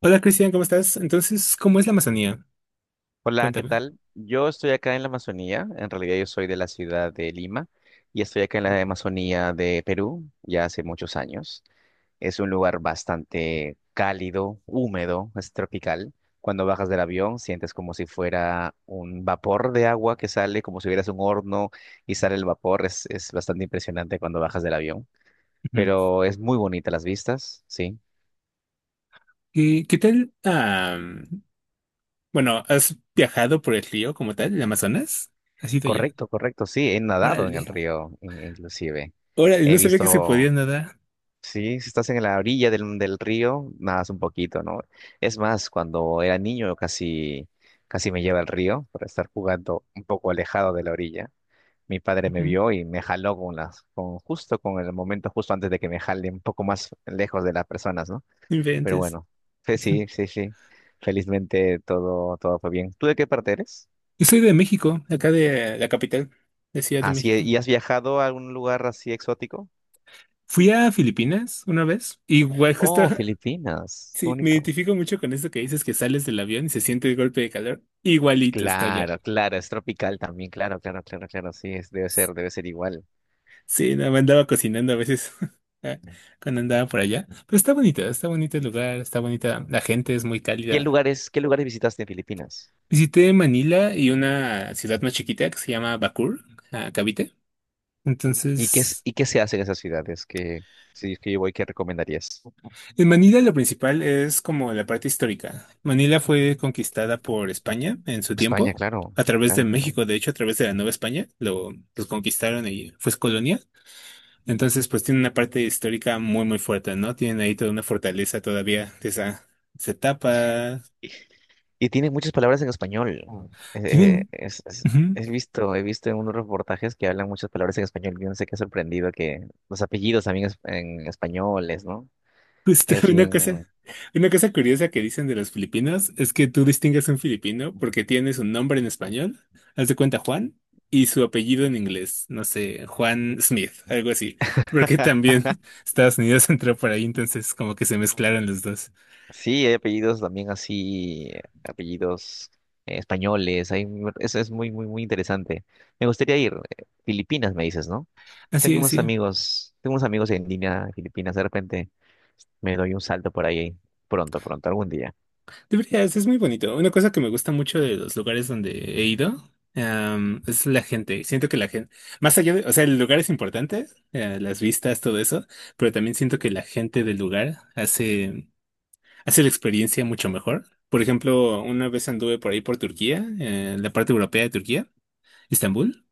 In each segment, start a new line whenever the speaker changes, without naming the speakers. Hola Cristian, ¿cómo estás? Entonces, ¿cómo es la Amazonía?
Hola, ¿qué
Cuéntame.
tal? Yo estoy acá en la Amazonía, en realidad yo soy de la ciudad de Lima y estoy acá en la Amazonía de Perú ya hace muchos años. Es un lugar bastante cálido, húmedo, es tropical. Cuando bajas del avión sientes como si fuera un vapor de agua que sale, como si hubieras un horno y sale el vapor. Es bastante impresionante cuando bajas del avión,
Ujú.
pero es muy bonita las vistas, sí.
¿Y qué tal? Bueno, ¿has viajado por el río como tal, el Amazonas? ¿Has ido ya?
Correcto, correcto, sí, he nadado en
Órale.
el río inclusive.
Órale,
He
no sabía que se podía
visto.
nadar.
Sí, si estás en la orilla del río, nadas un poquito, ¿no? Es más, cuando era niño casi, casi me lleva al río por estar jugando un poco alejado de la orilla. Mi padre me
Ujú.
vio y me jaló con las, con justo con el momento justo antes de que me jale un poco más lejos de las personas, ¿no? Pero
Inventes.
bueno, sí,
Ujú.
sí, sí, sí. Felizmente todo fue bien. ¿Tú de qué parte eres?
Yo soy de México, acá de la capital, de Ciudad de
Así,
México.
¿y has viajado a algún lugar así exótico?
Fui a Filipinas una vez. Igual, justo,
Oh, Filipinas, qué
sí, me
bonito.
identifico mucho con esto que dices que sales del avión y se siente el golpe de calor. Igualito está allá.
Claro, claro, es tropical también, claro, claro, claro, claro, sí, debe ser igual.
Sí, no, me andaba cocinando a veces ah, cuando andaba por allá. Pero está bonita, está bonito el lugar, está bonita. La gente es muy
¿Qué
cálida.
lugares, qué lugares visitaste en Filipinas?
Visité Manila y una ciudad más chiquita que se llama Bakur, ah, Cavite.
¿Y qué, es-
Entonces,
y qué se hace en esas ciudades que, si es que yo voy, qué recomendarías?
en Manila lo principal es como la parte histórica. Manila fue conquistada por España en su
España,
tiempo,
claro,
a través de
claro, claro.
México, de hecho, a través de la Nueva España, los conquistaron y fue colonia. Entonces, pues tiene una parte histórica muy, muy fuerte, ¿no? Tienen ahí toda una fortaleza todavía de esa etapa.
Y tiene muchas palabras en español.
Ah.
Eh, eh,
Tienen,
es, es-
ujú.
He visto, en unos reportajes que hablan muchas palabras en español. Yo no sé qué sorprendido que los apellidos también en españoles, ¿no?
Justo,
Es
una cosa,
bien.
una cosa curiosa que dicen de los filipinos es que tú distingues a un filipino porque tiene su nombre en español, haz de cuenta Juan, y su apellido en inglés, no sé, Juan Smith, algo así, porque también Estados Unidos entró por ahí, entonces como que se mezclaron los dos.
Sí, hay apellidos también así, apellidos españoles, eso es muy, muy, muy interesante. Me gustaría ir. Filipinas, me dices, ¿no?
Así
Tengo
es,
unos
sí.
amigos, tengo unos amigos en línea de Filipinas, de repente me doy un salto por ahí pronto, pronto, algún día.
Deberías, es muy bonito. Una cosa que me gusta mucho de los lugares donde he ido, es la gente. Siento que la gente, más allá de, o sea, el lugar es importante, las vistas, todo eso, pero también siento que la gente del lugar hace la experiencia mucho mejor. Por ejemplo, una vez anduve por ahí por Turquía, la parte europea de Turquía, Estambul.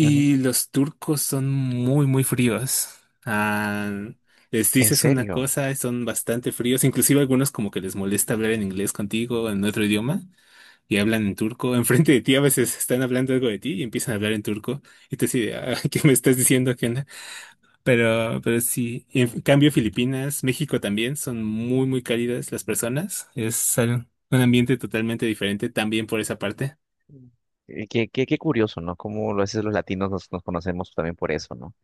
Ujú.
los turcos son muy, muy fríos. Ah, les
¿En
dices una
serio?
cosa, son bastante fríos. Inclusive algunos como que les molesta hablar en inglés contigo, en otro idioma, y hablan en turco. Enfrente de ti a veces están hablando algo de ti y empiezan a hablar en turco. Y te dices, ¿qué me estás diciendo, Kena? Pero sí. En cambio, Filipinas, México también son muy, muy cálidas las personas. Un ambiente totalmente diferente también por esa parte.
Mm. Qué curioso, ¿no? Cómo a veces los latinos nos conocemos también por eso, ¿no?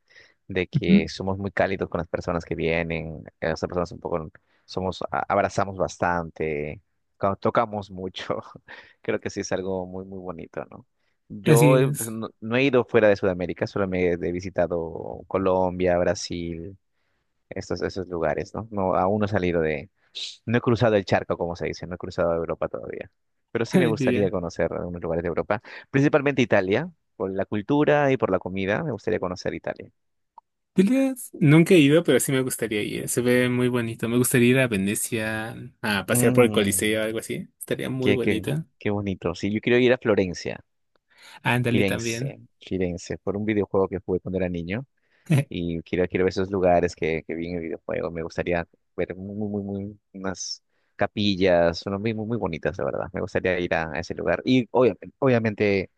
De que
Ujú.
somos muy cálidos con las personas que vienen, las personas un poco, somos, abrazamos bastante, cuando tocamos mucho, creo que sí es algo muy, muy bonito, ¿no?
Así
Yo, pues,
es.
no he ido fuera de Sudamérica, solo me he visitado Colombia, Brasil, esos lugares, ¿no? No, aún no he salido de, no he cruzado el charco, como se dice, no he cruzado Europa todavía. Pero sí me gustaría
Ya.
conocer algunos lugares de Europa, principalmente Italia, por la cultura y por la comida, me gustaría conocer Italia.
Julias, nunca he ido, pero sí me gustaría ir. Se ve muy bonito. Me gustaría ir a Venecia a pasear por el
Mm.
Coliseo o algo así. Estaría muy
Qué, qué,
bonito.
qué bonito. Sí, yo quiero ir a Florencia,
Ándale también.
Firenze, Firenze, por un videojuego que jugué cuando era niño. Y quiero ver esos lugares que vi en el videojuego. Me gustaría ver muy, muy, muy, unas capillas, unas muy, muy, muy bonitas, de verdad. Me gustaría ir a ese lugar. Y obviamente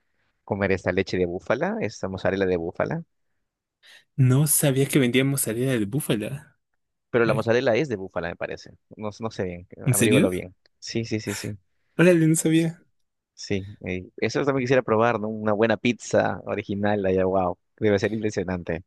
comer esta leche de búfala, esta mozzarella de búfala.
No sabía que vendíamos salida de búfala.
Pero la
¿Eh?
mozzarella es de búfala, me parece. No, no sé bien,
¿En serio?
averígualo bien. Sí, sí, sí, sí.
Órale, no sabía.
Sí, eso también quisiera probar, ¿no? Una buena pizza original allá, wow, debe ser impresionante.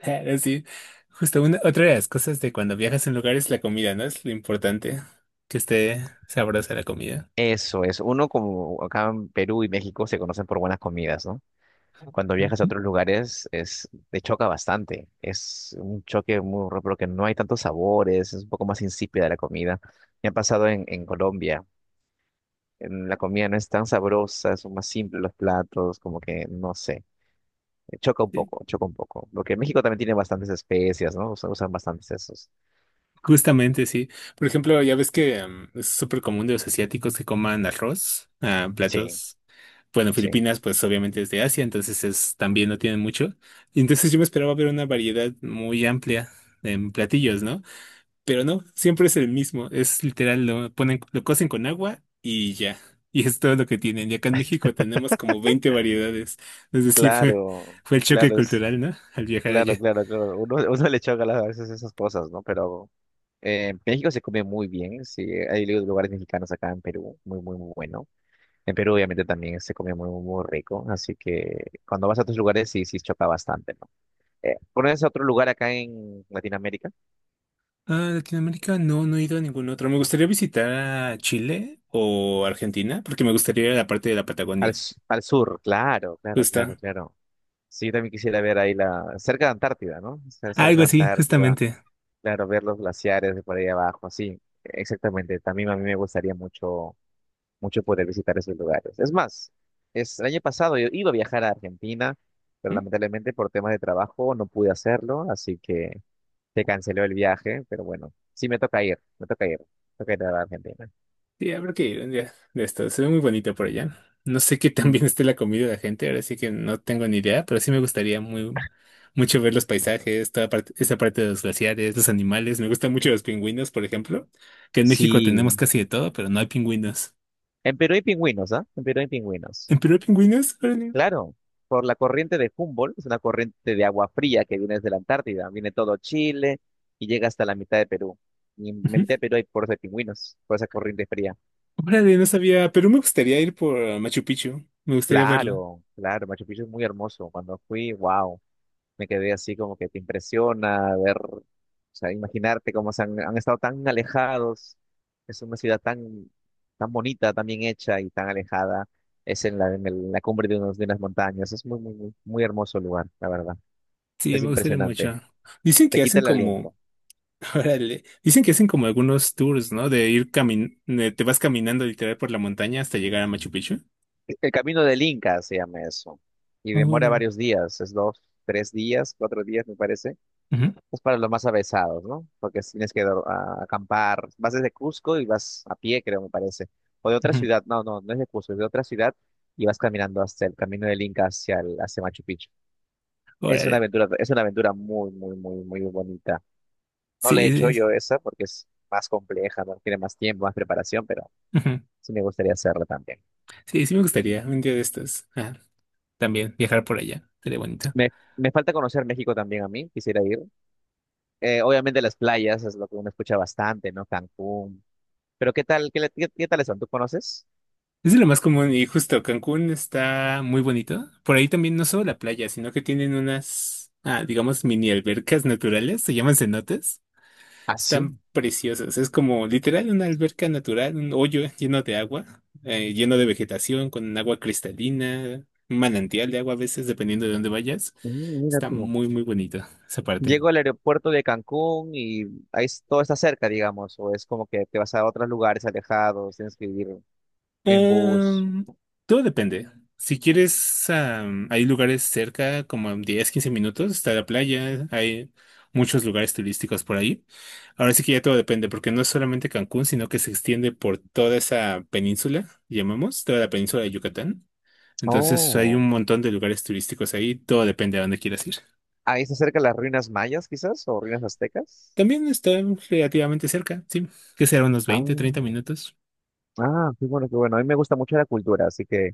Ah, sí. Justo otra de las cosas de cuando viajas en lugares es la comida, ¿no? Es lo importante. Que esté sabrosa la comida.
Eso es, uno como acá en Perú y México se conocen por buenas comidas, ¿no? Cuando viajas a
Ujú.
otros lugares es, te choca bastante, es un choque muy raro porque no hay tantos sabores, es un poco más insípida la comida. Me ha pasado en Colombia, en la comida no es tan sabrosa, son más simples los platos, como que no sé, choca un
Sí.
poco, choca un poco. Porque en México también tiene bastantes especias, ¿no? Usan bastantes esos.
Justamente, sí. Por ejemplo, ya ves que es súper común de los asiáticos que coman arroz,
Sí.
platos. Bueno,
Sí,
Filipinas, pues obviamente es de Asia, entonces es, también no tienen mucho. Y entonces yo me esperaba ver una variedad muy amplia en platillos, ¿no? Pero no, siempre es el mismo. Es literal, lo ponen, lo cocen con agua y ya. Y es todo lo que tienen. Y acá en México tenemos como 20 variedades. Es decir, fue,
claro,
fue el choque
claro,
cultural, ¿no? Al viajar
claro,
allá.
claro, claro. Uno, uno le choca a veces esas cosas, ¿no? Pero México se come muy bien, sí. Hay lugares mexicanos acá en Perú, muy, muy, muy bueno. En Perú, obviamente, también se come muy, muy, muy rico. Así que cuando vas a otros lugares, sí, sí choca bastante, ¿no? ¿pones otro lugar acá en Latinoamérica?
Ah, Latinoamérica, no, no he ido a ningún otro. Me gustaría visitar a Chile o Argentina, porque me gustaría ir a la parte de la
Al,
Patagonia.
s- al sur, claro, claro, claro,
Justo.
claro. Sí, yo también quisiera ver ahí cerca de Antártida, ¿no? O sea, cerca
Algo
de
así,
Antártida,
justamente.
claro, ver los glaciares de por ahí abajo, sí, exactamente. También a mí me gustaría mucho, mucho poder visitar esos lugares. Es más, el año pasado yo iba a viajar a Argentina, pero
¿Mm?
lamentablemente por temas de trabajo no pude hacerlo, así que se canceló el viaje, pero bueno, sí me toca ir, me toca ir, me toca ir a Argentina.
Sí, habrá que ir un día de esto. Se ve muy bonito por allá. No sé qué tan
Mm.
bien esté la comida de la gente, ahora sí que no tengo ni idea, pero sí me gustaría muy mucho ver los paisajes, toda parte, esa parte de los glaciares, los animales. Me gustan mucho los pingüinos, por ejemplo, que en México tenemos
Sí,
casi de todo, pero no hay pingüinos.
en Perú hay pingüinos, ¿ah? En Perú hay pingüinos.
¿En Perú hay pingüinos? Órale.
Claro, por la corriente de Humboldt, es una corriente de agua fría que viene desde la Antártida, viene todo Chile y llega hasta la mitad de Perú. Y en la mitad de Perú hay por de pingüinos, por esa corriente fría.
Órale, no sabía, pero me gustaría ir por Machu Picchu. Me gustaría verlo.
Claro, claro, Machu Picchu es muy hermoso. Cuando fui, wow, me quedé así como que te impresiona ver, o sea, imaginarte cómo han estado tan alejados. Es una ciudad tan, tan bonita, tan bien hecha y tan alejada. Es en la cumbre de unas montañas. Es muy, muy, muy muy hermoso lugar, la verdad.
Sí,
Es
me gustaría
impresionante.
mucho. Dicen
Te
que
quita
hacen
el
como,
aliento.
órale, dicen que hacen como algunos tours, ¿no? Te vas caminando literal por la montaña hasta llegar a Machu Picchu.
El camino del Inca se llama eso. Y demora
Órale.
varios días, es dos, tres días, cuatro días, me parece.
Ujú,
Es para los más avesados, ¿no? Porque tienes que acampar. Vas desde Cusco y vas a pie, creo, me parece. O de otra
ujú.
ciudad, no, no, no es de Cusco, es de otra ciudad y vas caminando hasta el camino del Inca hacia Machu Picchu. Es una
Órale.
aventura, es una aventura muy, muy, muy, muy bonita. No la he
Sí,
hecho
sí,
yo
sí.
esa porque es más compleja, ¿no? Tiene más tiempo, más preparación, pero
Ujú.
sí me gustaría hacerla también.
Sí, sí me gustaría un día de estos. Ah, también viajar por allá. Sería bonito.
Me, me falta conocer México también a mí, quisiera ir. Obviamente las playas es lo que uno escucha bastante, ¿no? Cancún. Pero ¿qué tal? ¿Qué tales son? ¿Tú conoces?
Es de lo más común y justo Cancún está muy bonito. Por ahí también no solo la playa, sino que tienen unas, digamos, mini albercas naturales, se llaman cenotes.
Ah, sí.
Están preciosas, es como literal una alberca natural, un hoyo lleno de agua, lleno de vegetación, con agua cristalina, un manantial de agua a veces, dependiendo de dónde vayas.
Mm, mira
Está
tú.
muy, muy bonito esa parte.
Llego al aeropuerto de Cancún y ahí todo está cerca, digamos, o es como que te vas a otros lugares alejados, tienes que ir en bus.
Em, todo depende. Si quieres, hay lugares cerca, como en 10, 15 minutos, está la playa, hay muchos lugares turísticos por ahí. Ahora sí que ya todo depende, porque no es solamente Cancún, sino que se extiende por toda esa península, llamamos, toda la península de Yucatán. Entonces hay
Oh.
un montón de lugares turísticos ahí, todo depende a dónde quieras ir.
Ahí está cerca las ruinas mayas, quizás, o ruinas aztecas.
También está relativamente cerca, sí, que será unos
Ah,
20, 30 minutos.
ah, qué bueno, qué bueno. A mí me gusta mucho la cultura, así que.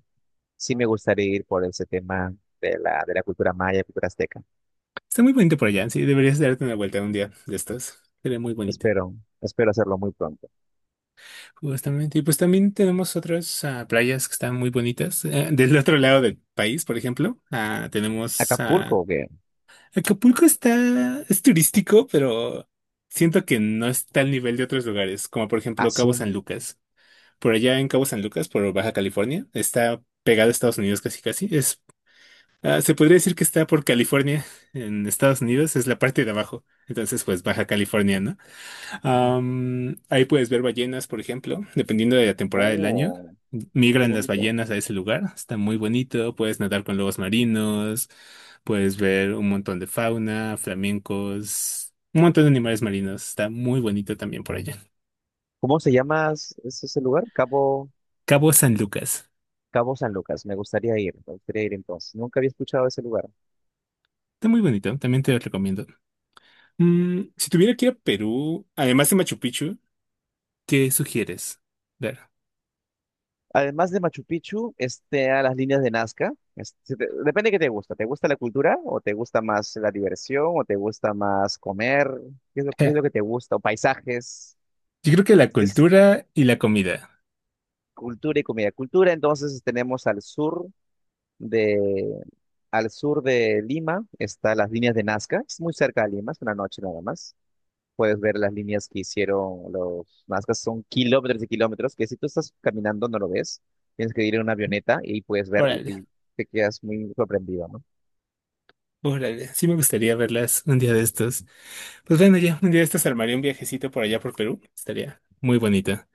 Sí me gustaría ir por ese tema de la cultura maya, cultura azteca.
Está muy bonito por allá, sí, deberías darte una vuelta un día de estos. Sería muy bonito.
Espero, espero hacerlo muy pronto.
Justamente, y pues también tenemos otras playas que están muy bonitas. Del otro lado del país, por ejemplo, tenemos
Acapulco, ¿o qué?
Acapulco está, es turístico, pero siento que no está al nivel de otros lugares, como por
Ah,
ejemplo Cabo
sí.
San Lucas. Por allá en Cabo San Lucas, por Baja California, está pegado a Estados Unidos casi casi. Es, se podría decir que está por California, en Estados Unidos, es la parte de abajo. Entonces, pues Baja California, ¿no? Ahí puedes ver ballenas, por ejemplo, dependiendo de la temporada del año.
Oh, qué
Migran las
bonito.
ballenas a ese lugar, está muy bonito, puedes nadar con lobos marinos, puedes ver un montón de fauna, flamencos, un montón de animales marinos, está muy bonito también por allá.
¿Cómo se llama es ese lugar? Cabo,
Cabo San Lucas,
Cabo San Lucas. Me gustaría ir entonces. Nunca había escuchado ese lugar.
está muy bonito, también te lo recomiendo. Si tuviera que ir a Perú, además de Machu Picchu, ¿qué sugieres? Ver.
Además de Machu Picchu, este, a las líneas de Nazca. Este, depende de qué te gusta. ¿Te gusta la cultura o te gusta más la diversión o te gusta más comer? ¿Qué es lo, qué es lo que te gusta? ¿O paisajes?
Yo creo que la cultura y la comida.
Cultura y comida. Cultura, entonces tenemos al de, sur de Lima, está las líneas de Nazca, es muy cerca de Lima, es una noche nada más. Puedes ver las líneas que hicieron los Nazcas, son kilómetros y kilómetros, que si tú estás caminando no lo ves, tienes que ir en una avioneta y puedes ver y
Órale.
te quedas muy sorprendido, ¿no?
Órale, sí me gustaría verlas un día de estos. Pues bueno, ya un día de estos armaría un viajecito por allá por Perú. Estaría muy bonita.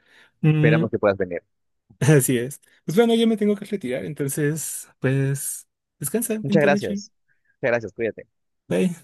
Mm,
Esperamos que puedas venir.
así es. Pues bueno, yo me tengo que retirar, entonces, pues, descansa,
Muchas
buena noche.
gracias. Muchas gracias, cuídate.
Bye.